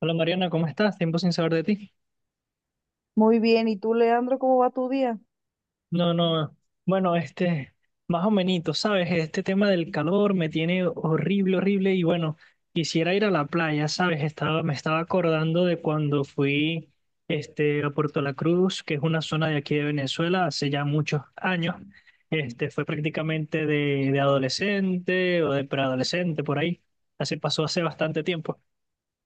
Hola Mariana, ¿cómo estás? Tiempo sin saber de ti. Muy bien, ¿y tú, Leandro, cómo va tu día? No, no, bueno, más o menos, ¿sabes? Este tema del calor me tiene horrible, horrible y bueno, quisiera ir a la playa, ¿sabes? Me estaba acordando de cuando fui, a Puerto La Cruz, que es una zona de aquí de Venezuela, hace ya muchos años. Fue prácticamente de adolescente o de preadolescente, por ahí. Así pasó hace bastante tiempo.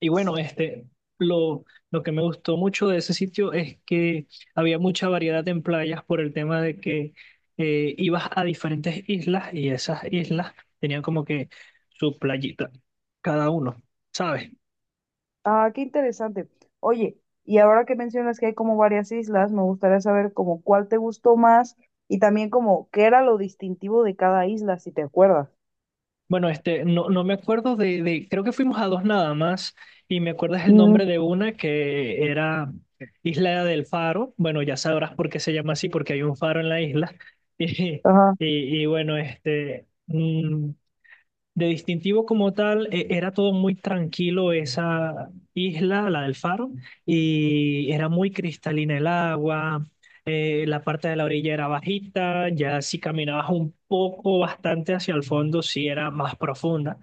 Y bueno, lo, lo que me gustó mucho de ese sitio es que había mucha variedad en playas por el tema de que ibas a diferentes islas y esas islas tenían como que su playita, cada uno, ¿sabes? Ah, qué interesante. Oye, y ahora que mencionas que hay como varias islas, me gustaría saber como cuál te gustó más y también como qué era lo distintivo de cada isla, si te acuerdas. Bueno, no, no me acuerdo creo que fuimos a dos nada más y me acuerdas el nombre Mm, de una que era Isla del Faro. Bueno, ya sabrás por qué se llama así, porque hay un faro en la isla. Y, ajá, y, y bueno, de distintivo como tal, era todo muy tranquilo esa isla, la del Faro, y era muy cristalina el agua, la parte de la orilla era bajita, ya si caminabas un poco bastante hacia el fondo, sí era más profunda.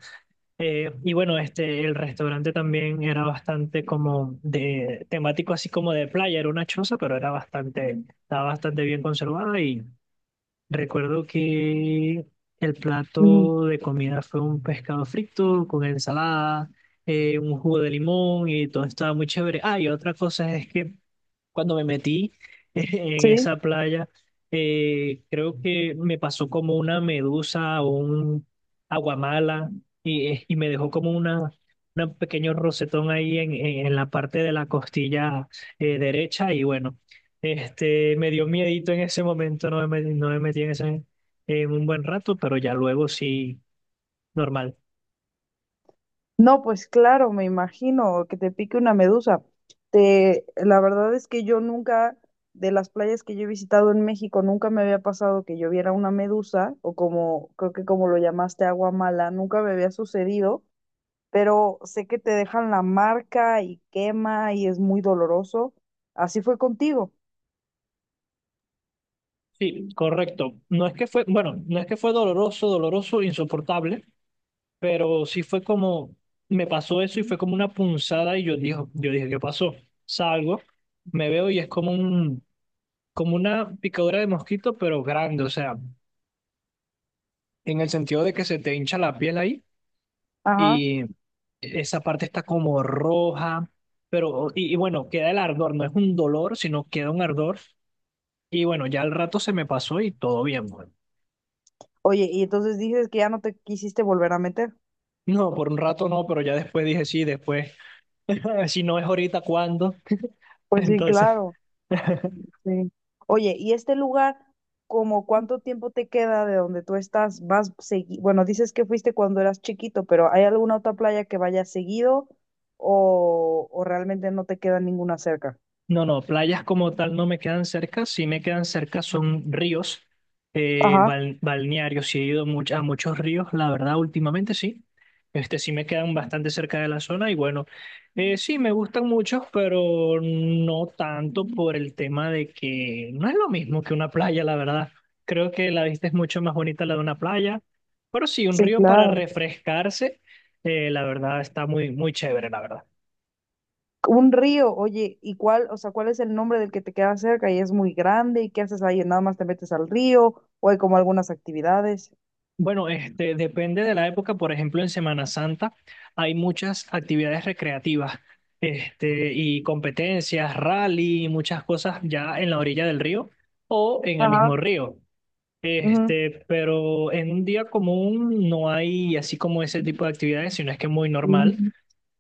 Y bueno, el restaurante también era bastante como de temático, así como de playa, era una choza, pero era bastante, estaba bastante bien conservada. Y recuerdo que el mm, plato de comida fue un pescado frito con ensalada, un jugo de limón y todo estaba muy chévere. Ah, y otra cosa es que cuando me metí en sí. esa playa, creo que me pasó como una medusa o un aguamala y me dejó como una, un pequeño rosetón ahí en la parte de la costilla derecha y bueno, me dio miedito en ese momento, no me metí en ese en un buen rato, pero ya luego sí, normal. No, pues claro, me imagino que te pique una medusa. Te, la verdad es que yo nunca, de las playas que yo he visitado en México, nunca me había pasado que yo viera una medusa o como, creo que como lo llamaste, agua mala, nunca me había sucedido. Pero sé que te dejan la marca y quema y es muy doloroso. Así fue contigo. Sí, correcto. No es que fue, bueno, no es que fue doloroso, doloroso, insoportable. Pero sí fue como, me pasó eso y fue como una punzada y yo dije, ¿qué pasó? Salgo, me veo y es como un, como una picadura de mosquito, pero grande, o sea, en el sentido de que se te hincha la piel ahí Ajá. y esa parte está como roja, pero, y bueno, queda el ardor, no es un dolor, sino queda un ardor y bueno, ya al rato se me pasó y todo bien, bueno. Oye, y entonces dices que ya no te quisiste volver a meter. No, por un rato no, pero ya después dije sí, después, si no es ahorita, ¿cuándo? Pues sí, Entonces... claro, sí. Oye, ¿y este lugar, como cuánto tiempo te queda de donde tú estás? ¿Vas seguido? Bueno, dices que fuiste cuando eras chiquito, pero ¿hay alguna otra playa que vayas seguido o realmente no te queda ninguna cerca? No, no, playas como tal no me quedan cerca, sí me quedan cerca son ríos, Ajá, balnearios, sí he ido a muchos ríos, la verdad, últimamente sí, este sí me quedan bastante cerca de la zona y bueno, sí me gustan muchos, pero no tanto por el tema de que no es lo mismo que una playa, la verdad, creo que la vista es mucho más bonita la de una playa, pero sí, un sí, río para claro. refrescarse, la verdad está muy, muy chévere, la verdad. Un río, oye, ¿y cuál, o sea, cuál es el nombre del que te queda cerca y es muy grande? ¿Y qué haces ahí? ¿Nada más te metes al río o hay como algunas actividades? Bueno, depende de la época. Por ejemplo, en Semana Santa hay muchas actividades recreativas, y competencias, rally, muchas cosas ya en la orilla del río o en el Ajá. mismo río. Ujú. Pero en un día común no hay así como ese tipo de actividades, sino es que es muy normal. Mm.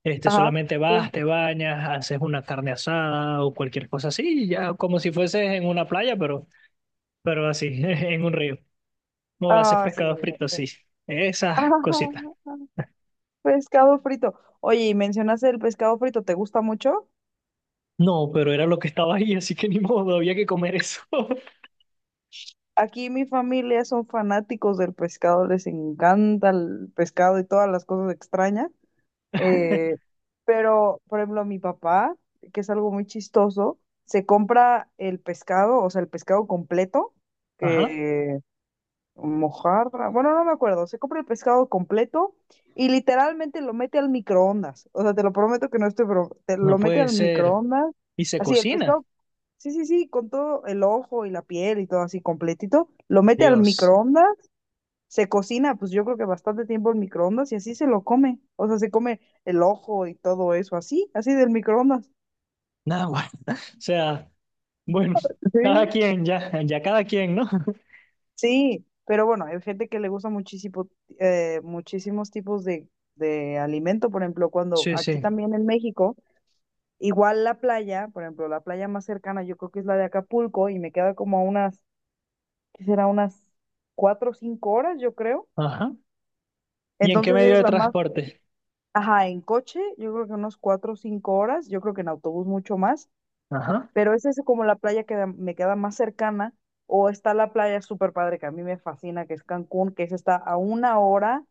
Solamente Sí. vas, te bañas, haces una carne asada o cualquier cosa así, ya como si fueses en una playa, pero así, en un río. No, hace Ah, sí. pescado frito, sí. Esas cositas. Pescado frito. Oye, y mencionaste el pescado frito, ¿te gusta mucho? No, pero era lo que estaba ahí, así que ni modo, había que comer eso. Aquí mi familia son fanáticos del pescado, les encanta el pescado y todas las cosas extrañas. Eh, pero, por ejemplo, mi papá, que es algo muy chistoso, se compra el pescado, o sea, el pescado completo, Ajá, que mojarra, bueno, no me acuerdo, se compra el pescado completo y literalmente lo mete al microondas. O sea, te lo prometo que no estoy, te no lo mete puede al ser. microondas. Y se Así, el cocina. pescado, sí, sí, sí, con todo el ojo y la piel y todo así completito, lo mete al Dios. microondas, se cocina, pues yo creo que bastante tiempo en microondas y así se lo come. O sea, se come el ojo y todo eso, así, así del microondas. Nada, bueno. O sea, bueno, Sí. cada quien, ya, ya cada quien, ¿no? Sí, pero bueno, hay gente que le gusta muchísimo, muchísimos tipos de alimento, por ejemplo, cuando Sí, aquí sí. también en México, igual la playa, por ejemplo, la playa más cercana yo creo que es la de Acapulco y me queda como a unas, ¿qué será? Unas cuatro o cinco horas, yo creo. Ajá. ¿Y en qué Entonces medio es de la más, transporte? ajá, en coche, yo creo que unos cuatro o cinco horas, yo creo que en autobús mucho más. Ajá. Pero esa es como la playa que me queda más cercana, o está la playa súper padre que a mí me fascina, que es Cancún, que esa está a una hora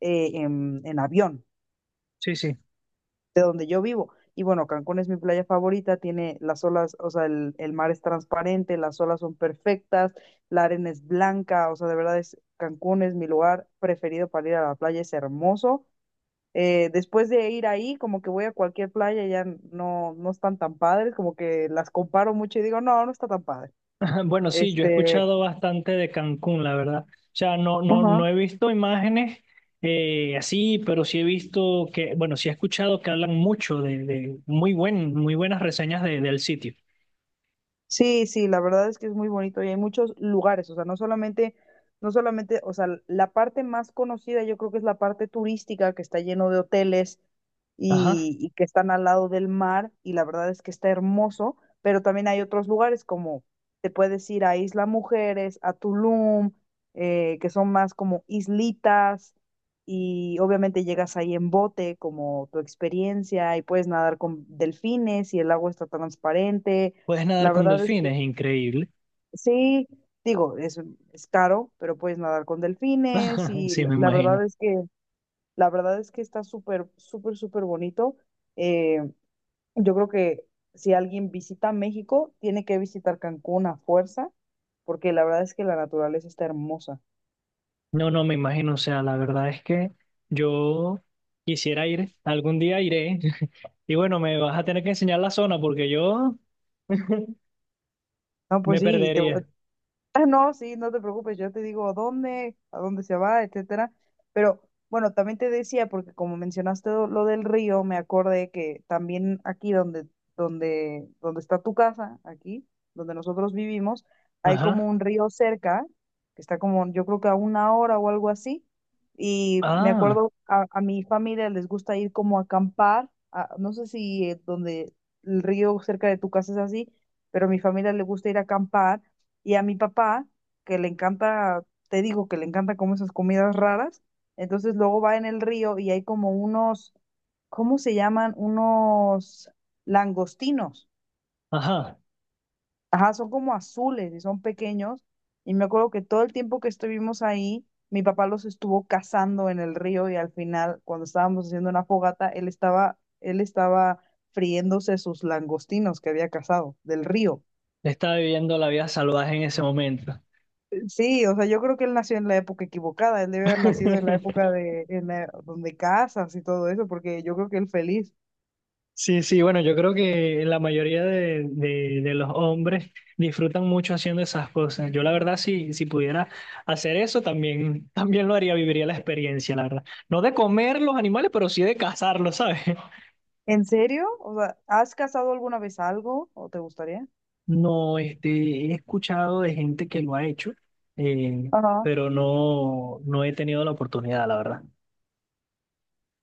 en avión Sí, sí. de donde yo vivo. Y bueno, Cancún es mi playa favorita, tiene las olas, o sea, el mar es transparente, las olas son perfectas, la arena es blanca, o sea, de verdad es, Cancún es mi lugar preferido para ir a la playa, es hermoso. Después de ir ahí, como que voy a cualquier playa, ya no, no están tan padres, como que las comparo mucho y digo, no, no está tan padre. Bueno, sí, yo he Este, escuchado bastante de Cancún, la verdad. O sea, no, no, ajá. no he visto imágenes así, pero sí he visto que, bueno, sí he escuchado que hablan mucho de muy buen, muy buenas reseñas del sitio. Sí, sí, la verdad es que es muy bonito y hay muchos lugares, o sea, no solamente, no solamente, o sea, la parte más conocida yo creo que es la parte turística que está lleno de hoteles Ajá. Y que están al lado del mar y la verdad es que está hermoso, pero también hay otros lugares como te puedes ir a Isla Mujeres, a Tulum, que son más como islitas y obviamente llegas ahí en bote como tu experiencia y puedes nadar con delfines y el agua está transparente, Puedes nadar la con verdad es que delfines, increíble. sí, digo, es caro, pero puedes nadar con delfines y Sí, la, me la verdad imagino. es que, la verdad es que está súper, súper, súper bonito. Eh, yo creo que si alguien visita México, tiene que visitar Cancún a fuerza, porque la verdad es que la naturaleza está hermosa. No, no, me imagino. O sea, la verdad es que yo quisiera ir, algún día iré. Y bueno, me vas a tener que enseñar la zona porque yo No, me pues sí, te, perdería. Ah, no, sí, no te preocupes, yo te digo a dónde se va, etcétera. Pero bueno, también te decía, porque como mencionaste lo del río, me acordé que también aquí donde, donde, donde está tu casa, aquí, donde nosotros vivimos, hay Ajá. como un río cerca, que está como, yo creo que a una hora o algo así. Y me Ah, acuerdo, a mi familia les gusta ir como a acampar, no sé si donde el río cerca de tu casa es así, pero a mi familia le gusta ir a acampar y a mi papá, que le encanta, te digo que le encanta como esas comidas raras, entonces luego va en el río y hay como unos, ¿cómo se llaman? Unos langostinos. ajá. Ajá, son como azules y son pequeños. Y me acuerdo que todo el tiempo que estuvimos ahí, mi papá los estuvo cazando en el río y al final, cuando estábamos haciendo una fogata, él estaba friéndose sus langostinos que había cazado del río. Estaba viviendo la vida salvaje en ese momento. Sí, o sea, yo creo que él nació en la época equivocada, él debe haber nacido en la época de, donde casas y todo eso, porque yo creo que él feliz. Sí, sí, bueno, yo creo que la mayoría de los hombres disfrutan mucho haciendo esas cosas. Yo la verdad, si, si pudiera hacer eso, también, también lo haría, viviría la experiencia, la verdad. No de comer los animales, pero sí de cazarlos, ¿sabes? ¿En serio? O sea, ¿has casado alguna vez algo o te gustaría? No, he escuchado de gente que lo ha hecho, eh, Ajá. pero no, no he tenido la oportunidad, la verdad.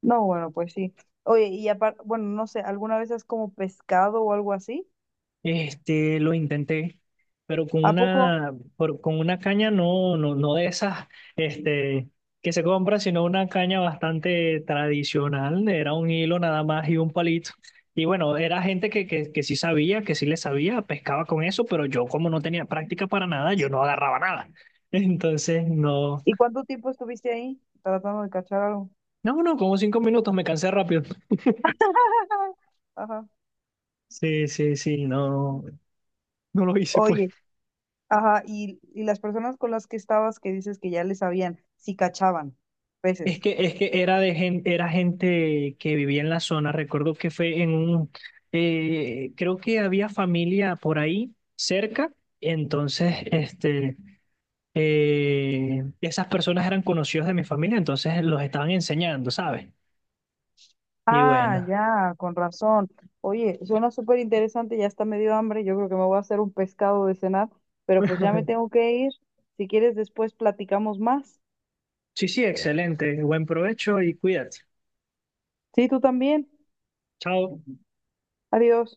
No, bueno, pues sí. Oye, y aparte, bueno, no sé, ¿alguna vez has como pescado o algo así? Lo intenté, pero con ¿A poco? una, con una caña no, no, no de esas, este, que se compra, sino una caña bastante tradicional. Era un hilo nada más y un palito. Y bueno, era gente que sí sabía, que sí le sabía, pescaba con eso, pero yo como no tenía práctica para nada, yo no agarraba nada. Entonces, no, ¿Y cuánto tiempo estuviste ahí tratando de cachar algo? no, no, como cinco minutos, me cansé rápido. Ajá. Sí, sí, sí, no, no lo hice, pues. Oye, ajá, y las personas con las que estabas que dices que ya les sabían, si cachaban peces. Es que era de gente, era gente que vivía en la zona. Recuerdo que fue en un, creo que había familia por ahí cerca. Entonces, esas personas eran conocidos de mi familia, entonces los estaban enseñando, ¿sabes? Y Ah, bueno, ya, con razón. Oye, suena súper interesante, ya está medio hambre, yo creo que me voy a hacer un pescado de cenar, pero pues ya me tengo que ir. Si quieres, después platicamos más. sí, sí, excelente. Buen provecho y cuídate. Sí, tú también. Chao. Adiós.